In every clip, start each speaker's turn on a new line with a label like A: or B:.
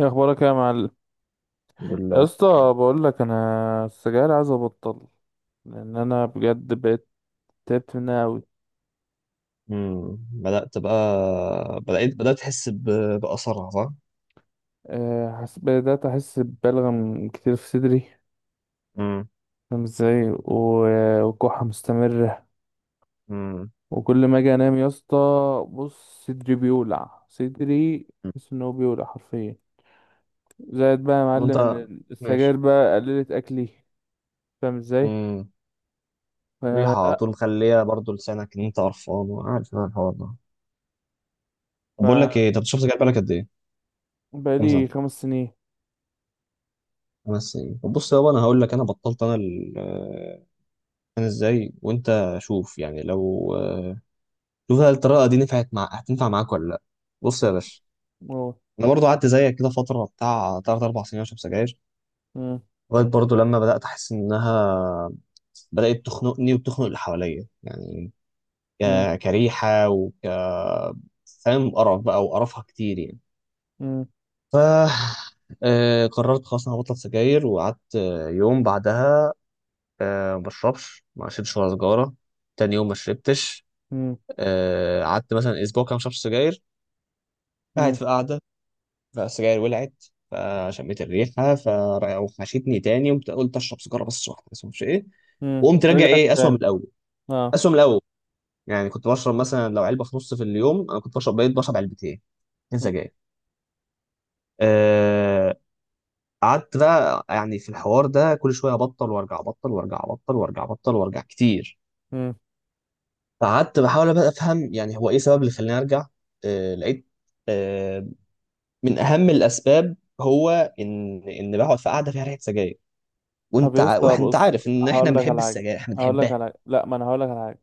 A: ايه اخبارك يا معلم،
B: الحمد
A: يا
B: لله.
A: اسطى؟ بقول لك انا السجاير عايز ابطل، لان انا بجد بقيت تعبت منها قوي.
B: بدأت بقى. بدأت أحس بأثرها، صح؟
A: بدات احس ببلغم كتير في صدري،
B: امم.
A: فاهم ازاي؟ وكحه مستمره،
B: امم.
A: وكل ما اجي انام يا اسطى بص صدري بيولع، صدري بحس ان هو بيولع حرفيا. زائد بقى يا معلم
B: وأنت.
A: ان السجاير
B: ماشي.
A: بقى قللت اكلي، فاهم ازاي؟
B: امم. ريحة على
A: فلا،
B: طول مخلية برضو لسانك إن أنت قرفان، وعارف أنا الحوار ده.
A: ف
B: طب بقول لك إيه، أنت شفت جاي بالك قد إيه؟ كام سنة؟
A: بقالي 5 سنين.
B: خمس سنين؟ طب بص يابا، أنا هقول لك أنا بطلت. أنا أنا إزاي، وأنت شوف يعني لو شوف، هل الطريقة دي نفعت مع هتنفع معاك ولا لأ؟ بص يا باشا،
A: أوه.
B: أنا برضو قعدت زيك كده فترة بتاع تلات أربع سنين أشرب سجاير،
A: مم.
B: لغايه برضه لما بدات احس انها بدات تخنقني وتخنق اللي حواليا، يعني
A: مم.
B: كريحه فاهم، قرف بقى وقرفها كتير يعني.
A: مم.
B: ف قررت خلاص انا هبطل سجاير، وقعدت يوم بعدها ما شربتش ولا سجاره، تاني يوم ما شربتش.
A: مم.
B: قعدت مثلا اسبوع كده ما شربتش سجاير، قاعد
A: مم.
B: في قعده، فالسجاير ولعت، فشميت الريحه فوحشتني تاني، قمت قلت اشرب سيجاره بس، واحده بس مش ايه،
A: مم.
B: وقمت راجع
A: رجعت
B: ايه، اسوأ من
A: تاني.
B: الاول.
A: اه.
B: اسوأ من الاول، يعني كنت بشرب مثلا لو علبه في نص في اليوم، انا كنت بشرب بقيت بشرب علبتين، اتنين
A: مم.
B: سجاير. آه، قعدت بقى يعني في الحوار ده كل شويه ابطل وارجع، ابطل وارجع، ابطل وارجع، ابطل وارجع كتير،
A: مم.
B: فقعدت بحاول بقى افهم يعني هو ايه السبب اللي خلاني ارجع. لقيت آه، من اهم الاسباب هو ان بقعد في قعده فيها ريحه سجاير،
A: طب يا اسطى
B: وانت
A: بص،
B: عارف ان احنا
A: هقول لك
B: بنحب
A: على حاجه،
B: السجاير، احنا
A: هقول لك
B: بنحبها.
A: على حاجه لا ما انا هقول لك على حاجه.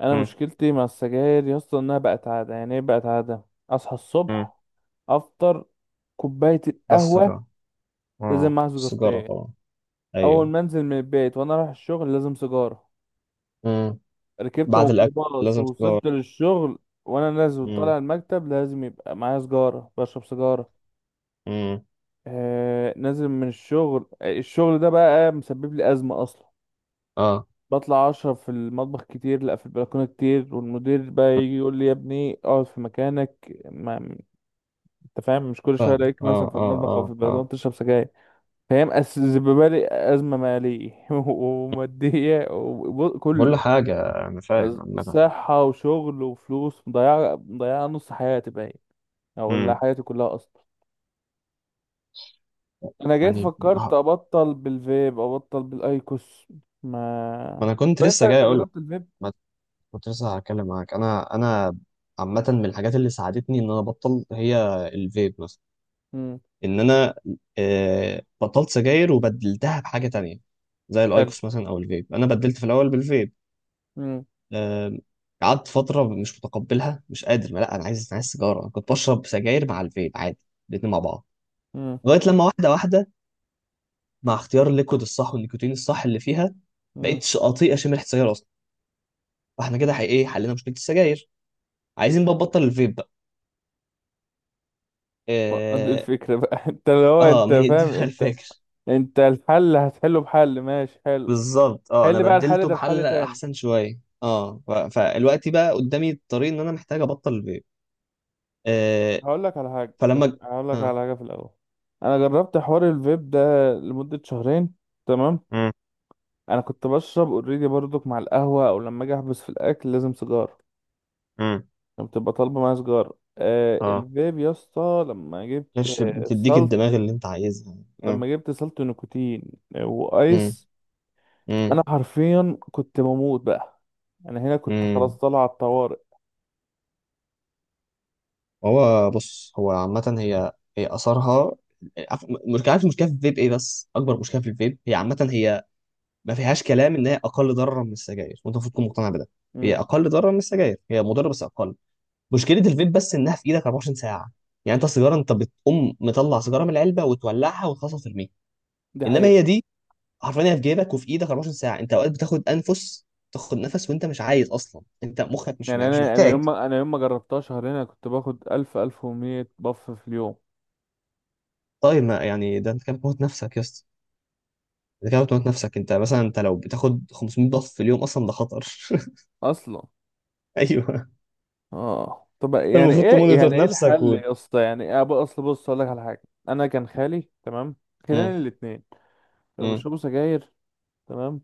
A: انا
B: مم.
A: مشكلتي مع السجاير يا اسطى انها بقت عاده، يعني ايه بقت عاده؟ اصحى
B: مم.
A: الصبح، افطر، كوبايه
B: بس
A: القهوه
B: السجارة،
A: لازم
B: اه
A: معاها
B: السيجاره
A: سجارتين،
B: طبعا.
A: اول
B: ايوه.
A: ما انزل من البيت وانا رايح الشغل لازم سيجاره،
B: مم.
A: ركبت
B: بعد الاكل
A: ميكروباص
B: لازم سيجاره.
A: ووصلت للشغل، وانا نازل
B: مم.
A: وطالع المكتب لازم يبقى معايا سجاره بشرب سجاره.
B: مم.
A: نازل من الشغل، الشغل ده بقى مسبب لي ازمه اصلا.
B: اه،
A: بطلع اشرب في المطبخ كتير، لا في البلكونه كتير، والمدير بقى يجي يقول لي يا ابني اقعد في مكانك، ما انت فاهم، مش كل شويه
B: فاهم،
A: الاقيك
B: اه،
A: مثلا في
B: اه،
A: المطبخ او في
B: اه،
A: البلكونه
B: اه.
A: بتشرب سجاير. فهي مسببه لي ازمه ماليه وماديه
B: بقول له
A: وكله،
B: حاجه، انا فاهم عامه.
A: صحه وشغل وفلوس مضيعه، مضيعه نص حياتي باين، او ولا
B: مم.
A: حياتي كلها اصلا. انا جيت
B: يعني
A: فكرت ابطل بالفيب، ابطل بالايكوس.
B: ما
A: ما
B: انا كنت
A: فانت
B: لسه جاي
A: انت
B: اقول لك،
A: جربت الفيب؟
B: ما كنت لسه هتكلم معاك. انا عامه من الحاجات اللي ساعدتني ان انا ابطل هي الفيب مثلا،
A: امم.
B: ان انا بطلت سجاير وبدلتها بحاجه تانية زي
A: حلو.
B: الايكوس مثلا او الفيب، انا بدلت في الاول بالفيب.
A: امم.
B: آم، قعدت فتره مش متقبلها، مش قادر، ما لا انا عايز سيجاره. أنا كنت بشرب سجاير مع الفيب عادي، الاتنين مع بعض،
A: امم.
B: لغايه لما واحده واحده، مع اختيار الليكود الصح والنيكوتين الصح اللي فيها، بقيت اطيق اشم ريحه السجاير اصلا. فاحنا كده حي- ايه حلينا مشكله السجاير، عايزين بقى نبطل الفيب بقى.
A: دي
B: اه.
A: الفكرة بقى انت اللي هو انت
B: ما هي دي
A: فاهم
B: بقى
A: انت،
B: الفكره.
A: انت الحل هتحله بحل ماشي حلو.
B: بالظبط، اه انا
A: حل بقى الحل
B: بدلته
A: ده بحل
B: بحل
A: تاني.
B: احسن شويه، اه فالوقت بقى قدامي الطريق ان انا محتاج ابطل الفيب. آه.
A: هقول لك على حاجة،
B: فلما
A: بس
B: ج-
A: هقول لك
B: اه.
A: على حاجة في الأول. أنا جربت حوار الفيب ده لمدة شهرين، تمام.
B: امم.
A: أنا كنت بشرب اوريدي برضك مع القهوة أو لما أجي أحبس في الأكل لازم سيجارة،
B: امم.
A: كانت بتبقى طالبة معايا سيجارة.
B: اه،
A: الفيب يا اسطى،
B: مش بتديك الدماغ اللي انت عايزها. مم.
A: لما جبت سلط نيكوتين
B: مم.
A: وآيس، انا
B: مم.
A: حرفيا كنت بموت بقى، انا هنا كنت خلاص
B: مم.
A: طالع على الطوارئ.
B: هو بص، هو عامة، هي اثرها، عارف- مش عارف المشكله في الفيب ايه، بس اكبر مشكله في الفيب هي عامة ما فيهاش كلام ان هي اقل ضررا من السجاير، وانت المفروض تكون مقتنع بده. هي
A: امم.
B: اقل ضررا من السجاير، هي مضره بس اقل. مشكله الفيب بس انها في ايدك 24 ساعه، يعني انت السيجاره، انت بتقوم مطلع سيجاره من العلبه وتولعها وتخلصها وترميها،
A: دي
B: انما هي
A: حقيقة.
B: دي حرفيا هي في جيبك وفي ايدك 24 ساعه، انت اوقات بتاخد انفس، تاخد نفس وانت مش عايز اصلا، انت مخك مش
A: يعني
B: مش
A: انا
B: محتاج.
A: يوم ما جربتها شهرين انا كنت باخد 1000 1100 بف في اليوم
B: طيب ما يعني ده انت كده بتموت نفسك يا اسطى، انت كده بتموت نفسك، انت مثلا انت لو بتاخد 500 ضغط في اليوم اصلا ده خطر.
A: اصلا.
B: ايوه.
A: اه طب
B: انت
A: يعني
B: المفروض
A: ايه،
B: تمونيتور نفسك
A: الحل
B: و...
A: يا اسطى، يعني ايه بقى؟ اصل بص اقول لك على حاجه، انا كان خالي تمام خلاني
B: امم.
A: الاثنين كانوا
B: امم.
A: بيشربوا سجاير، تمام.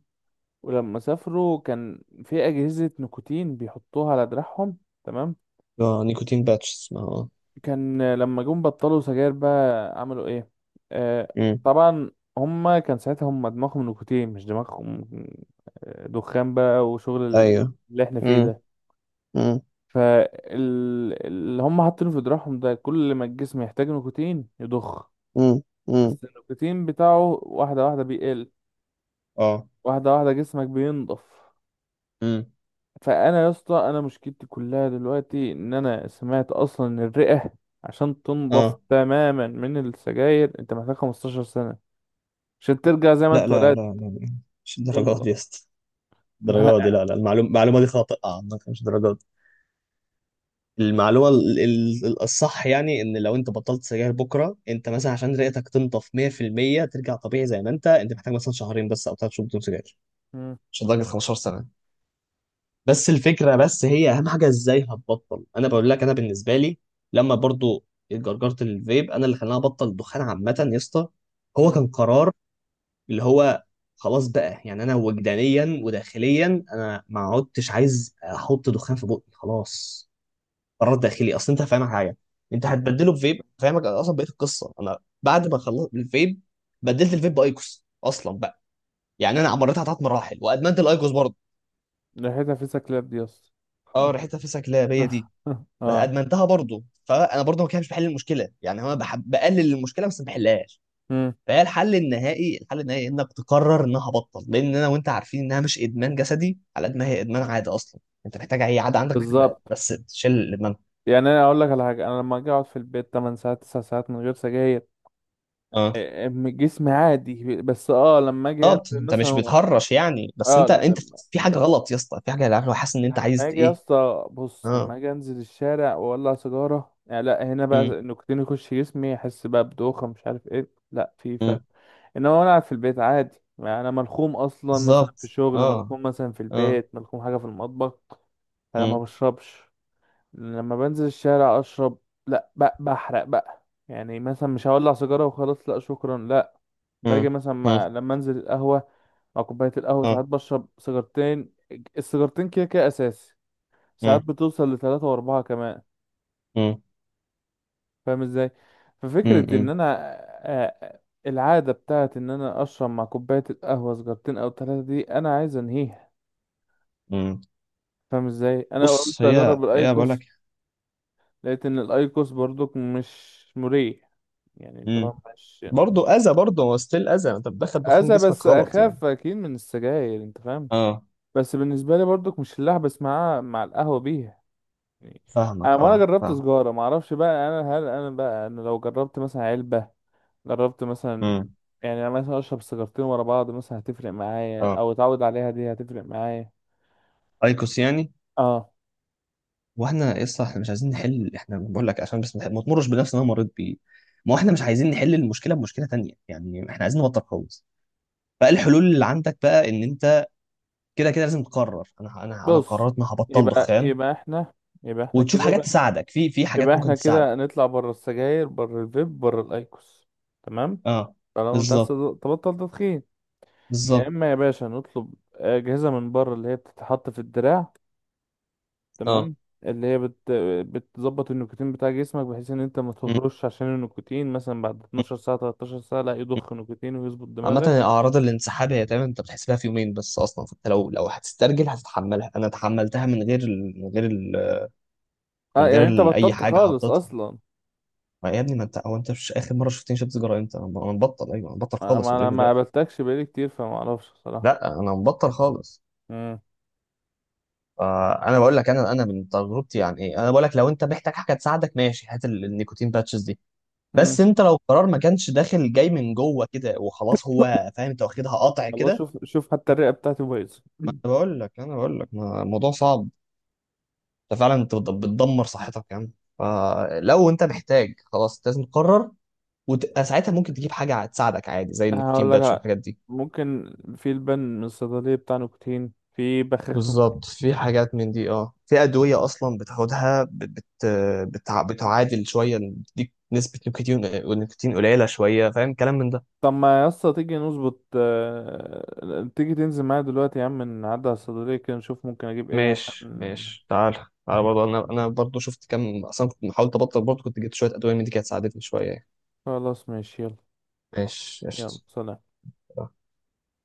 A: ولما سافروا كان في اجهزه نيكوتين بيحطوها على دراعهم، تمام.
B: اه، نيكوتين باتش اسمها، اه.
A: كان لما جم بطلوا سجاير بقى عملوا ايه؟ آه،
B: امم.
A: طبعا. هما كان ساعتها هما دماغهم نيكوتين مش دماغهم، دخان بقى، وشغل
B: ايوه.
A: اللي احنا فيه
B: امم.
A: ده.
B: امم.
A: فاللي هم حاطينه في دراعهم ده كل ما الجسم يحتاج نيكوتين يضخ،
B: امم. امم.
A: بس النيكوتين بتاعه واحدة واحدة بيقل،
B: اه.
A: واحدة واحدة جسمك بينضف.
B: امم.
A: فانا يا اسطى انا مشكلتي كلها دلوقتي ان انا سمعت اصلا ان الرئه عشان تنضف
B: اه.
A: تماما من السجاير انت محتاج 15 سنه عشان ترجع زي ما
B: لا،
A: انت
B: لا،
A: ولقيت
B: لا، لا، مش الدرجات
A: تنضف
B: دي يا اسطى،
A: ما.
B: الدرجات دي، لا لا، المعلومه دي خاطئه عنك، مش الدرجات دي. المعلومه الصح يعني ان لو انت بطلت سجاير بكره، انت مثلا عشان رئتك تنضف 100% ترجع طبيعي زي ما انت، محتاج مثلا شهرين بس او ثلاث شهور بدون سجاير،
A: مم.
B: مش لدرجه 15 سنه. بس الفكره، بس هي اهم حاجه ازاي هتبطل، انا بقول لك انا بالنسبه لي، لما برضو جرجرت الفيب انا اللي خلاني ابطل الدخان عامه يا اسطى، هو
A: مم.
B: كان قرار، اللي هو خلاص بقى يعني انا وجدانيا وداخليا انا ما عدتش عايز احط دخان في بقي خلاص، قرار داخلي. اصل انت فاهمك حاجه، انت
A: مم.
B: هتبدله بفيب، فاهمك؟ أنا اصلا بقيت القصه، انا بعد ما خلصت الفيب بدلت
A: مم.
B: الفيب بايكوس اصلا بقى، يعني انا عمرتها ثلاث مراحل وادمنت الايكوس برضه.
A: ريحتها في سكلاب دي يا اسطى
B: اه، ريحتها فسك، لا هي دي. بس
A: اه.
B: ادمنتها برضه، فانا برضه ما كانش بحل المشكله، يعني انا بحب بقلل المشكله بس ما بحلهاش.
A: مم.
B: فهي الحل النهائي، الحل النهائي انك تقرر انها بطل، لان انا وانت عارفين انها مش ادمان جسدي على قد ما هي ادمان عاده اصلا، انت محتاج اي عاده عندك محتاج
A: بالظبط.
B: بس تشيل الادمان.
A: يعني انا اقول لك على حاجه، انا لما اجي اقعد في البيت 8 ساعات 9 ساعات من غير سجاير،
B: اه.
A: جسمي عادي، بس اه لما اجي
B: طب
A: انزل
B: انت مش
A: مثلا،
B: بتهرش يعني، بس
A: اه
B: انت في حاجه غلط يا اسطى، في حاجه، عارف، لو حاسس ان انت
A: لما
B: عايز
A: اجي يا
B: ايه.
A: اسطى بص،
B: اه.
A: لما اجي انزل الشارع واولع سيجاره، يعني لا هنا بقى
B: امم.
A: النيكوتين يخش جسمي، احس بقى بدوخه، مش عارف ايه، لا في فرق.
B: امم.
A: انما وانا قاعد في البيت عادي يعني انا ملخوم اصلا، مثلا
B: بالظبط،
A: في شغل
B: اه.
A: ملخوم، مثلا في
B: اه.
A: البيت ملخوم حاجه في المطبخ، فانا ما
B: امم.
A: بشربش. لما بنزل الشارع اشرب، لا بقى بحرق بقى، يعني مثلا مش هولع سيجاره وخلاص، لا شكرا لا. باجي
B: امم.
A: مثلا
B: امم.
A: مع، لما انزل القهوه مع كوبايه القهوه
B: اه.
A: ساعات بشرب سيجارتين، السيجارتين كده كده اساسي، ساعات
B: امم.
A: بتوصل لثلاثة وأربعة كمان،
B: امم.
A: فاهم ازاي؟ ففكرة ان
B: امم.
A: انا، آه، العادة بتاعت ان انا اشرب مع كوباية القهوة سجارتين او ثلاثة دي، انا عايز انهيها،
B: امم.
A: فاهم ازاي؟ انا
B: بص
A: قلت
B: هي
A: اجرب
B: هي بقول
A: الايكوس،
B: لك.
A: لقيت ان الايكوس برضك مش مريح، يعني اللي
B: امم.
A: هو مش
B: برضه اذى، برضه هو ستيل اذى، انت بتدخل دخان
A: اذى، بس
B: جسمك غلط يعني.
A: اخاف اكيد من السجاير، انت فاهم.
B: اه،
A: بس بالنسبة لي برضك مش اللي احبس مع القهوة بيها، يعني انا
B: فاهمك،
A: ما انا
B: اه
A: جربت
B: فاهم.
A: سجارة، ما اعرفش بقى انا، هل انا بقى انا لو جربت مثلا علبة، جربت مثلا،
B: امم.
A: يعني انا مثلا اشرب سيجارتين ورا بعض مثلا هتفرق معايا،
B: اه،
A: او اتعود عليها دي هتفرق معايا.
B: ايكوس يعني.
A: اه
B: واحنا يسطا احنا مش عايزين نحل، احنا بقول لك عشان بس ما تمرش بنفس اللي انا مريت بيه، ما هو احنا مش عايزين نحل المشكله بمشكله تانية، يعني احنا عايزين نبطل خالص. فالحلول اللي عندك بقى ان انت كده كده لازم تقرر. انا
A: بص،
B: قررت ان أنا هبطل
A: يبقى
B: دخان،
A: يبقى احنا، يبقى احنا
B: وتشوف
A: كده
B: حاجات
A: بقى
B: تساعدك في حاجات
A: يبقى
B: ممكن
A: احنا
B: تساعدك.
A: كده نطلع بره السجاير، بره الفيب، بره الايكوس، تمام؟
B: اه.
A: طالما انت عايز
B: بالظبط.
A: تبطل تدخين، يا
B: بالظبط.
A: اما يا باشا نطلب اجهزه من بره اللي هي بتتحط في الدراع،
B: اه.
A: تمام، اللي هي بتظبط النيكوتين بتاع جسمك، بحيث ان انت ما
B: م-
A: تهرش عشان النيكوتين مثلا بعد
B: م-
A: 12 ساعه 13 ساعه لا
B: م.
A: يضخ نيكوتين ويظبط
B: عامة
A: دماغك.
B: أعراض الانسحاب هي تقريبا أنت بتحس بيها في يومين بس أصلا، فأنت لو هتسترجل هتتحملها، أنا تحملتها من غير ال... من غير
A: اه
B: من غير
A: يعني انت
B: ال- اي
A: بطلت
B: حاجه
A: خالص
B: حطيتها.
A: اصلا؟
B: ما يا ابني، ما انت، هو انت، مش اخر مره شفتني شربت سيجاره امتى؟ أنا مبطل، ايوه انا مبطل
A: انا
B: خالص اوريدي
A: ما
B: دلوقتي.
A: قابلتكش بقالي كتير فما اعرفش بصراحه.
B: لا، انا مبطل خالص.
A: امم.
B: فانا بقول لك، انا من تجربتي يعني ايه، انا بقول لك لو انت محتاج حاجه تساعدك ماشي، هات النيكوتين باتشز دي،
A: امم.
B: بس انت لو قرار ما كانش داخل جاي من جوه كده وخلاص، هو فاهم، انت واخدها قطع
A: والله
B: كده.
A: شوف شوف، حتى الرئه بتاعتي بايظه
B: انا بقول لك، الموضوع صعب، انت فعلا انت بتدمر صحتك يعني، فلو انت محتاج خلاص لازم تقرر، وساعتها ممكن تجيب حاجه تساعدك عادي زي النيكوتين
A: هقول لك
B: باتش
A: على-.
B: والحاجات دي.
A: ممكن في لبن من الصيدليه بتاع نيكوتين، في بخاخ نيكوتين.
B: بالظبط، في حاجات من دي، اه في ادويه اصلا بتاخدها بتعادل شويه، بتديك نسبه نيكوتين، نيكوتين قليله شويه، فاهم كلام من ده.
A: طب ما يا اسطى تيجي نظبط، آه، تيجي تنزل معايا دلوقتي يا عم، نعدي على الصيدليه كده نشوف ممكن اجيب ايه
B: ماشي،
A: عشان.
B: ماشي، تعال. تعال برضه، انا برضه شفت كام، اصلا كنت محاولت ابطل برضه، كنت جبت شويه ادويه من دي كانت ساعدتني شويه يعني.
A: خلاص ماشي يلا.
B: ماشي،
A: يلا
B: قشطه.
A: سلام.